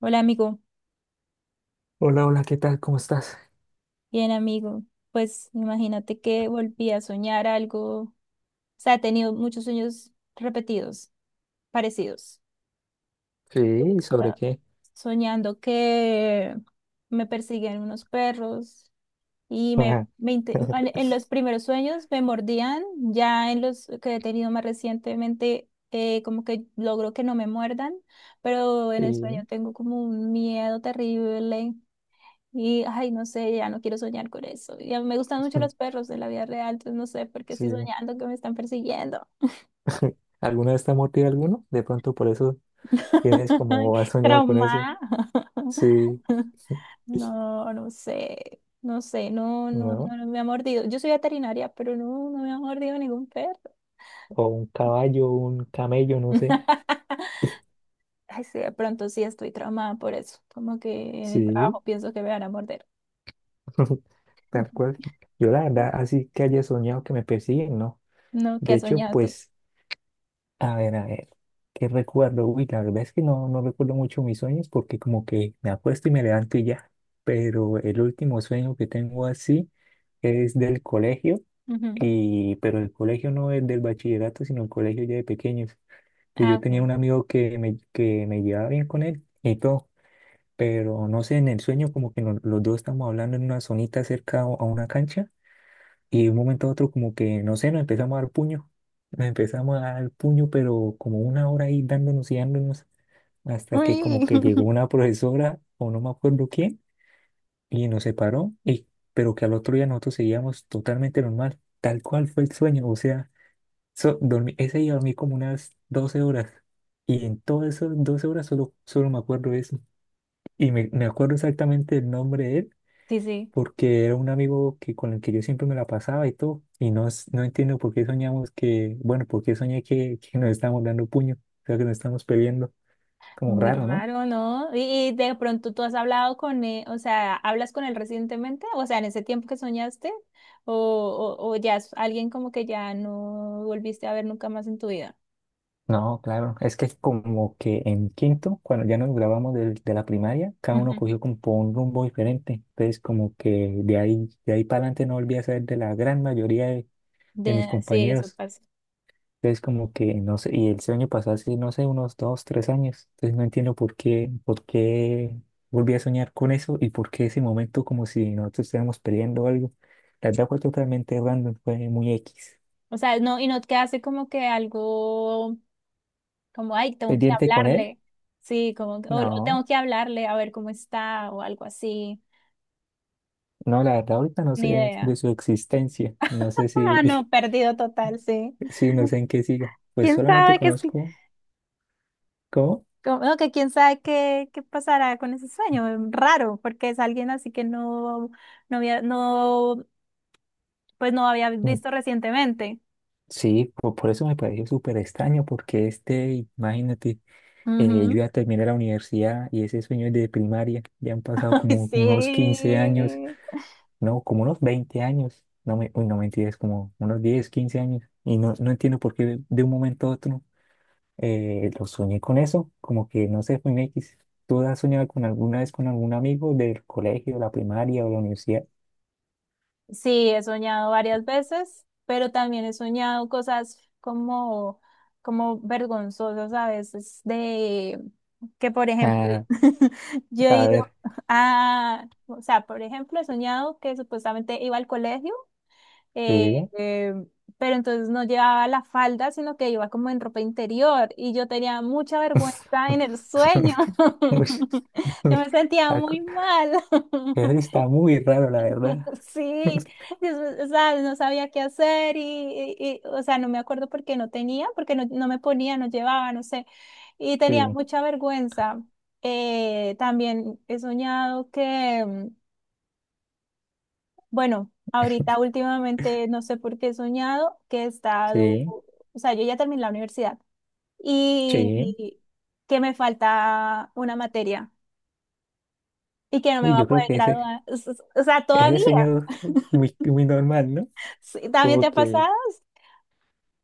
Hola amigo, Hola, hola, ¿qué tal? ¿Cómo estás? bien amigo. Pues imagínate que volví a soñar algo, o sea, he tenido muchos sueños repetidos, parecidos. Sí, ¿sobre Estaba qué? soñando que me perseguían unos perros y Ajá. En los primeros sueños me mordían, ya en los que he tenido más recientemente, como que logro que no me muerdan, pero en el sueño Sí, tengo como un miedo terrible. Y, ay, no sé, ya no quiero soñar con eso. Y a mí me gustan mucho los perros de la vida real, entonces no sé por qué sí. estoy soñando que me están persiguiendo. ¿Alguna vez te ha mordido alguno? De pronto por eso tienes como has soñado con eso. Trauma. Sí, No, no sé, no sé, no, no, no, ¿no? no me ha mordido. Yo soy veterinaria, pero no, no me ha mordido ningún perro. O un caballo, un camello, no sé. Ay, sí, de pronto sí estoy traumada por eso. Como que en el trabajo Sí, pienso que me van a morder. tal cual. Yo la verdad, así que haya soñado que me persiguen, no. No, ¿qué De has hecho, soñado tú? pues, a ver, a ver, ¿qué recuerdo? Uy, la verdad es que no recuerdo mucho mis sueños porque como que me acuesto y me levanto y ya. Pero el último sueño que tengo así es del colegio, Ujú. pero el colegio no es del bachillerato, sino el colegio ya de pequeños. Que Ah, yo tenía ok. un amigo que me llevaba bien con él y todo, pero no sé, en el sueño como que los dos estamos hablando en una zonita cerca a una cancha y de un momento a otro como que, no sé, nos empezamos a dar puño. Nos empezamos a dar puño, pero como una hora ahí dándonos y dándonos hasta que como Uy. que llegó una profesora o no me acuerdo quién y nos separó. Pero que al otro día nosotros seguíamos totalmente normal, tal cual fue el sueño. O sea, dormí, ese día dormí como unas 12 horas. Y en todas esas 12 horas solo me acuerdo de eso. Y me acuerdo exactamente el nombre Sí, sí. porque era un amigo que, con el que yo siempre me la pasaba y todo, y no, no entiendo por qué soñamos que, bueno, por qué soñé que nos estábamos dando puño, o sea, que nos estábamos peleando, como Muy raro, ¿no? raro, ¿no? Y de pronto tú has hablado con él, o sea, ¿hablas con él recientemente? O sea, en ese tiempo que soñaste, o, o ya es alguien como que ya no volviste a ver nunca más en tu vida. No, claro, es que como que en quinto, cuando ya nos grabamos de la primaria, cada uno Ujú. cogió como por un rumbo diferente, entonces como que de ahí para adelante no volví a ser de la gran mayoría de De, mis sí, eso compañeros. pasa. Entonces como que, no sé, y el sueño pasó así, no sé, unos 2, 3 años. Entonces no entiendo por qué volví a soñar con eso y por qué ese momento como si nosotros estuviéramos peleando o algo. La verdad fue totalmente random, fue muy X. O sea, no, y no te hace como que algo, como, ay, tengo que ¿Pendiente con él? hablarle. Sí, como, o tengo No, que hablarle a ver cómo está, o algo así. no, la verdad ahorita no Ni sé idea. de su existencia. No sé Ah, si, no, perdido total, sí. sí, no sé en qué siga. Pues ¿Quién solamente sabe qué sí? conozco cómo. Como, no, que quién sabe qué, qué pasará con ese sueño. Es raro, porque es alguien así que no, no había, no, pues no había Mm. visto recientemente. Sí, por, eso me pareció súper extraño, porque este, imagínate. Yo Ujú. ya terminé la universidad y ese sueño es de primaria. Ya han pasado como unos 15 años, Sí. no, como unos 20 años. No me, uy, no mentiras, como unos 10, 15 años. Y no entiendo por qué de un momento a otro lo soñé con eso. Como que no sé, fue un X. ¿Tú has soñado con alguna vez con algún amigo del colegio, la primaria o la universidad? Sí, he soñado varias veces, pero también he soñado cosas como, como vergonzosas a veces de que, por ejemplo, Ah, yo he a ido ver, a, o sea, por ejemplo, he soñado que supuestamente iba al colegio. eh, sí. eh, pero entonces no llevaba la falda, sino que iba como en ropa interior y yo tenía mucha vergüenza en el sueño. Uy, Yo me sentía algo- muy mal. eso sí está muy raro, la verdad. Sí, y es- o sea, no sabía qué hacer y, y, o sea, no me acuerdo por qué no tenía, porque no, no me ponía, no llevaba, no sé, y tenía Sí, mucha vergüenza. También he soñado que... Bueno, ahorita últimamente no sé por qué he soñado que he estado, sí. o sea, yo ya terminé la universidad Sí, y que me falta una materia y que no me uy, va a yo poder creo que ese, graduar, o sea, ese todavía. sueño es muy, muy normal, ¿no? Sí, ¿también te Como ha que, pasado?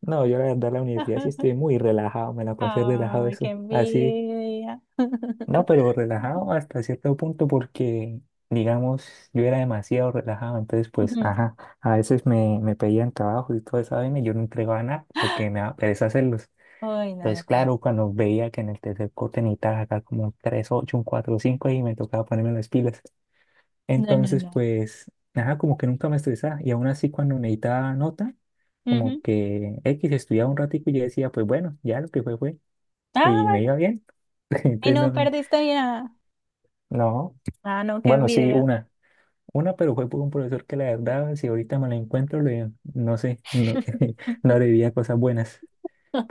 no, yo la verdad la universidad sí estoy muy relajado, me la pasé relajado Ay, qué eso, así, envidia. no, pero relajado hasta cierto punto porque, digamos, yo era demasiado relajado, entonces pues, Ujú. ajá, a veces me pedían trabajo y todo eso, y yo no entregaba nada porque me daba pereza hacerlos. Ay, no, no, Entonces, no. claro, cuando veía que en el tercer corte necesitaba acá como un 3,8, un 4, cinco y me tocaba ponerme las pilas. No, no, Entonces, no. pues, nada, como que nunca me estresaba. Y aún así, cuando necesitaba nota, como Ujú. que X estudiaba un ratico y yo decía, pues bueno, ya lo que fue, fue. Ah, Y me bueno. iba bien. Y Entonces, no no, perdiste ya. no. Ah, no, qué Bueno, sí, envidia. una. Una, pero fue por un profesor que la verdad, si ahorita me la encuentro, no sé, no, no le diría cosas buenas.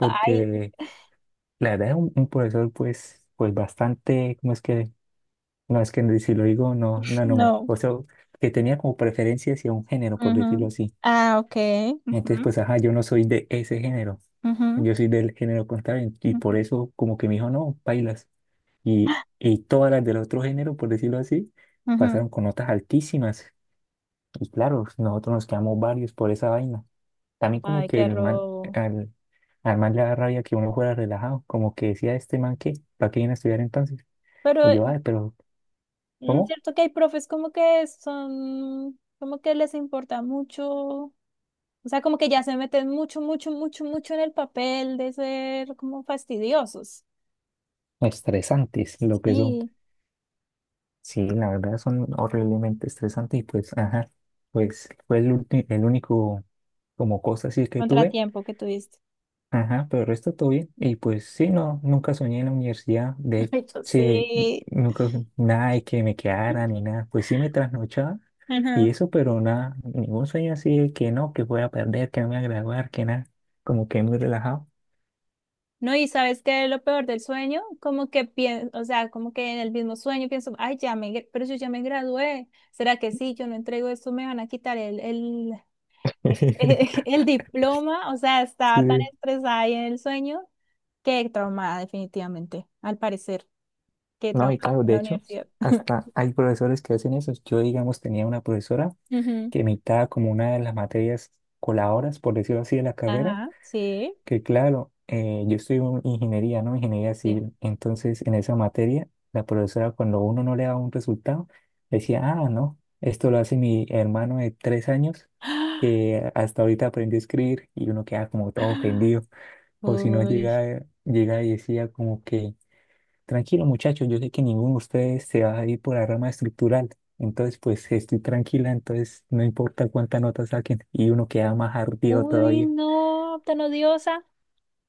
Ay, la verdad es un profesor, pues bastante, ¿cómo es que? No, es que si lo digo, no, no, no. no. O sea, que tenía como preferencia hacia un género, por decirlo Ujú. así. Ah, ok. Ujú. Entonces, pues, ajá, yo no soy de ese género. Ujú, Yo soy del género contrario. Y por ujú, eso, como que me dijo, no, bailas. Y todas las del otro género, por decirlo así, ujú. pasaron con notas altísimas. Y claro, nosotros nos quedamos varios por esa vaina. También, como Ay, que qué el man, robo. al, al man le da rabia que uno fuera relajado. Como que decía, este man, ¿qué? ¿Para qué viene a estudiar entonces? Pero Y yo, ay, pero, mm, ¿cómo? cierto que hay profes como que son, como que les importa mucho, o sea, como que ya se meten mucho, mucho, mucho, mucho en el papel de ser como fastidiosos. Estresantes, lo que son. Sí, Sí, la verdad son horriblemente estresantes. Y pues, ajá, pues fue el único. Como cosas así que tuve. contratiempo que tuviste. Ajá, pero el resto todo bien. Y pues sí, no, nunca soñé en la universidad. De hecho, Ay, yo sí, sí. nunca, nada de que me quedara ni nada. Pues sí me trasnochaba y Ujú. eso, pero nada, ningún sueño así de que no, que voy a perder, que no me voy a graduar, que nada. Como que muy relajado. No, y sabes qué es lo peor del sueño, como que pienso, o sea, como que en el mismo sueño pienso, ay, ya me, pero yo ya me gradué, ¿será que sí? Yo no entrego esto, me van a quitar el diploma, o sea, estaba tan Sí. estresada ahí en el sueño, que traumada definitivamente, al parecer, que No, y traumada claro, con de la hecho, universidad. hasta hay profesores que hacen eso. Yo, digamos, tenía una profesora Ujú. que me dictaba como una de las materias coladoras, por decirlo así, de la carrera. Ajá, sí, Que claro, yo estudio ingeniería, ¿no? Ingeniería sí. civil. Entonces, en esa materia, la profesora, cuando uno no le daba un resultado, decía, ah, no, esto lo hace mi hermano de 3 años, que hasta ahorita aprendió a escribir, y uno queda como todo ofendido. O si no, Uy, llega y decía como que, tranquilo muchachos, yo sé que ninguno de ustedes se va a ir por la rama estructural. Entonces, pues estoy tranquila, entonces no importa cuántas notas saquen, y uno queda más ardido uy, todavía. no, tan odiosa.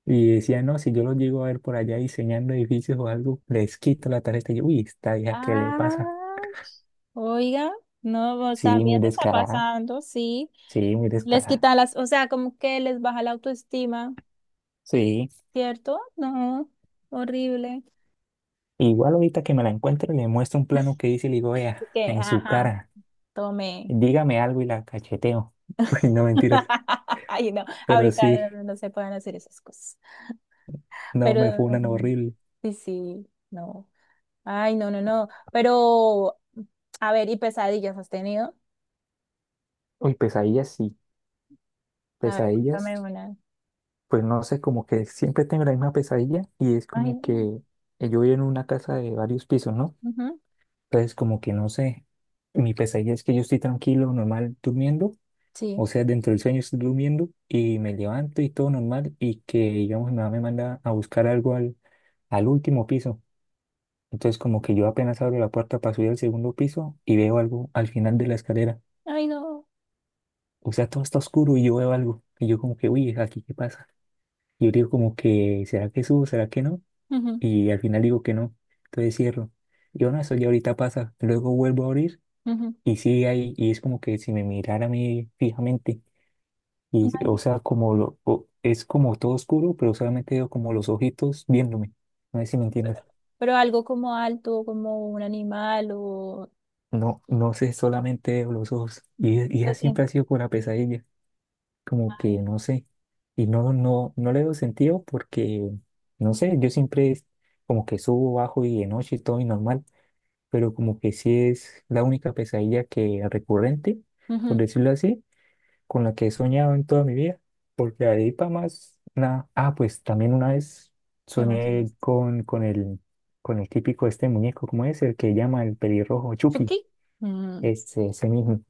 Y decía, no, si yo los llego a ver por allá diseñando edificios o algo, les quito la tarjeta. Y yo, uy, esta vieja, ¿qué le pasa? Ah, oiga, no, o sea, Sí, muy bien está descarada. pasando, sí. Sí, muy Les descarada. quita las, o sea, como que les baja la autoestima, Sí. ¿cierto? No, horrible. Igual ahorita que me la encuentro le muestro un plano que hice y le digo, vea, Así que, en su ajá, cara, tome. dígame algo y la cacheteo. Uy, no mentiras. Ay, no, Pero sí, ahorita no, no se pueden hacer esas cosas. no, Pero, me fue una horrible. sí, sí, no. Ay, no, no, no. Pero, a ver, ¿y pesadillas has tenido? Uy, pesadillas, sí. A ver, Pesadillas, cuéntame una. pues no sé, como que siempre tengo la misma pesadilla y es Ay, como no. que yo vivo en una casa de varios pisos, ¿no? Ujú, Entonces, como que no sé, mi pesadilla es que yo estoy tranquilo, normal, durmiendo, sí. o sea, dentro del sueño estoy durmiendo y me levanto y todo normal y que, digamos, mi mamá me manda a buscar algo al último piso. Entonces, como que yo apenas abro la puerta para subir al segundo piso y veo algo al final de la escalera. Ay, no. O sea, todo está oscuro y yo veo algo. Y yo como que, uy, ¿aquí qué pasa? Y yo digo como que, ¿será que subo? ¿Será que no? Ujú, Y al final digo que no. Entonces cierro. Yo no, eso ya ahorita pasa. Luego vuelvo a abrir. ujú. Y sí, ahí, y es como que si me mirara a mí fijamente, y, o Imagi- sea, como lo, es como todo oscuro, pero solamente veo como los ojitos viéndome. No sé si me entiendes. pero algo como alto, como un animal o... No, no sé, solamente veo los ojos. Y esa Lo siempre siento. ha sido con la pesadilla, como Ah, que no sé. Y no, no, no le doy sentido porque, no sé, yo siempre es como que subo, bajo y de noche y todo y normal, pero como que sí es la única pesadilla que recurrente, por ujú. decirlo así, con la que he soñado en toda mi vida, porque ahí para más nada. Ah, pues también una vez ¿Qué más es soñé esto? con el típico este muñeco, ¿cómo es? El que llama el pelirrojo Chucky, ¿Chucky? Mm. ese mismo.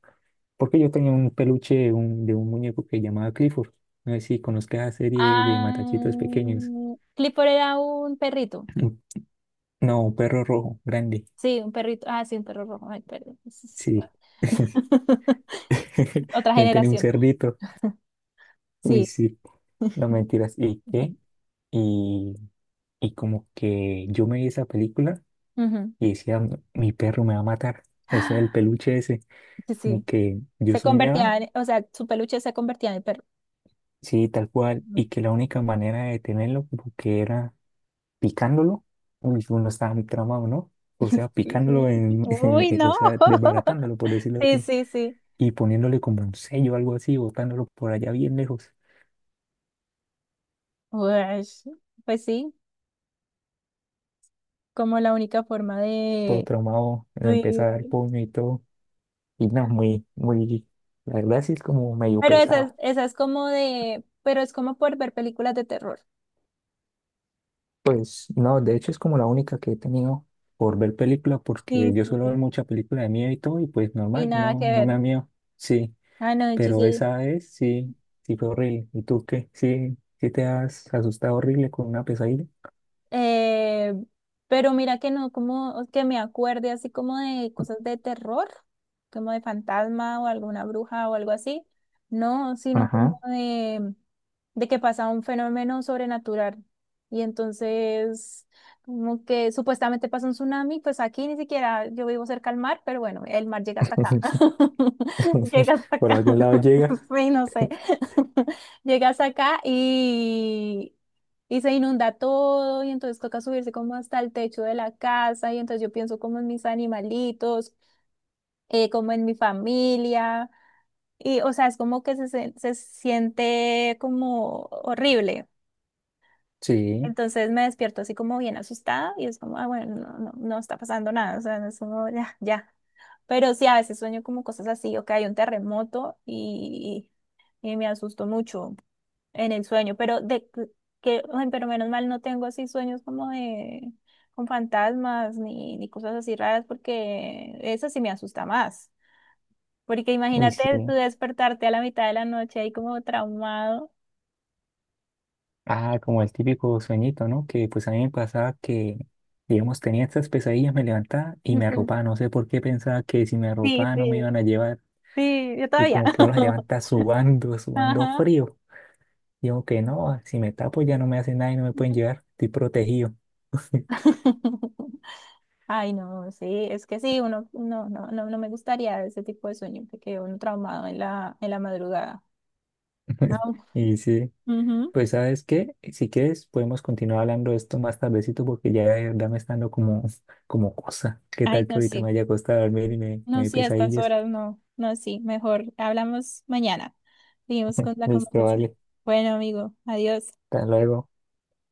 Porque yo tenía un peluche de un muñeco que llamaba Clifford. No sé si conozcas la serie de matachitos Ah, pequeños. Clifford era un perrito. Un- No, un perro rojo, grande. Sí, un perrito. Ah, sí, un perro rojo. Ay, perdón. Sí. Otra Yo tenía un generación. cerdito. Uy, Sí. sí. No mentiras. ¿Y qué? Y Y como que yo me vi esa película Ujú. y decía, "Mi perro me va a matar". O sea, el Ah, peluche ese, sí, como sí. que yo Se soñaba, convertía en, o sea, su peluche se convertía en perro. sí, tal cual, Ujú. y que la única manera de detenerlo como que era picándolo. Uy, uno estaba muy tramado, ¿no? O sea, Sí, sí. picándolo, en, Uy, o no. sea, desbaratándolo, por decirlo Sí, así, sí, sí. y poniéndole como un sello o algo así, botándolo por allá bien lejos. Ush, pues sí. Como la única forma Todo de... traumado, lo empezó Sí. a dar puño y todo. Y no, muy, muy, la verdad sí es como medio Pero pesado. esa es como de... Pero es como por ver películas de terror. Pues no, de hecho es como la única que he tenido por ver película, porque Sí, yo suelo ver sí. mucha película de miedo y todo, y pues Y normal, nada no, que no ver. me da miedo, sí, Ah, no, yo pero sí. esa vez sí, fue horrible. ¿Y tú qué? Sí, sí te has asustado horrible con una pesadilla. Eh, pero mira que no, como que me acuerde así como de cosas de terror, como de fantasma o alguna bruja o algo así. No, sino como Ajá. De que pasa un fenómeno sobrenatural. Y entonces, como que supuestamente pasa un tsunami, pues aquí ni siquiera yo vivo cerca al mar, pero bueno, el mar llega hasta acá. Llega hasta Por acá. algún lado llega. Sí, no sé. Llega hasta acá y se inunda todo y entonces toca subirse como hasta el techo de la casa y entonces yo pienso como en mis animalitos, como en mi familia y o sea, es como que se siente como horrible. Sí, Entonces me despierto así como bien asustada y es como, ah, bueno, no, no, no está pasando nada, o sea, no es como, ya, ya. Pero sí, a veces sueño como cosas así, o que hay un terremoto y me asusto mucho en el sueño, pero de que, ay, pero menos mal no tengo así sueños como de con fantasmas ni, ni cosas así raras porque eso sí me asusta más. Porque uy, sí. imagínate tú despertarte a la mitad de la noche ahí como traumado. Ah, como el típico sueñito, ¿no? Que pues a mí me pasaba que, digamos, tenía estas pesadillas, me levantaba y me Ujú. arropaba. No sé por qué pensaba que si me Sí, arropaba no me sí, iban a llevar. sí, yo Y todavía. como que uno se levanta subando, subando Ajá. frío. Y como que no, si me tapo ya no me hace nada y no me pueden Ujú. llevar, estoy protegido. Ay, no, sí, es que sí, uno, no, no, no, no me gustaría ese tipo de sueño, porque uno traumado en la madrugada. Ah, Y sí, ujú. pues ¿sabes qué? Si quieres podemos continuar hablando de esto más tardecito porque ya de verdad me está dando como, como cosa. ¿Qué Ay, tal que no, ahorita sí. me haya costado dormir y me No, dé sí, a estas pesadillas? horas no, no, sí, mejor hablamos mañana. Seguimos con la Listo, conversación. vale. Bueno, amigo, adiós. Hasta luego.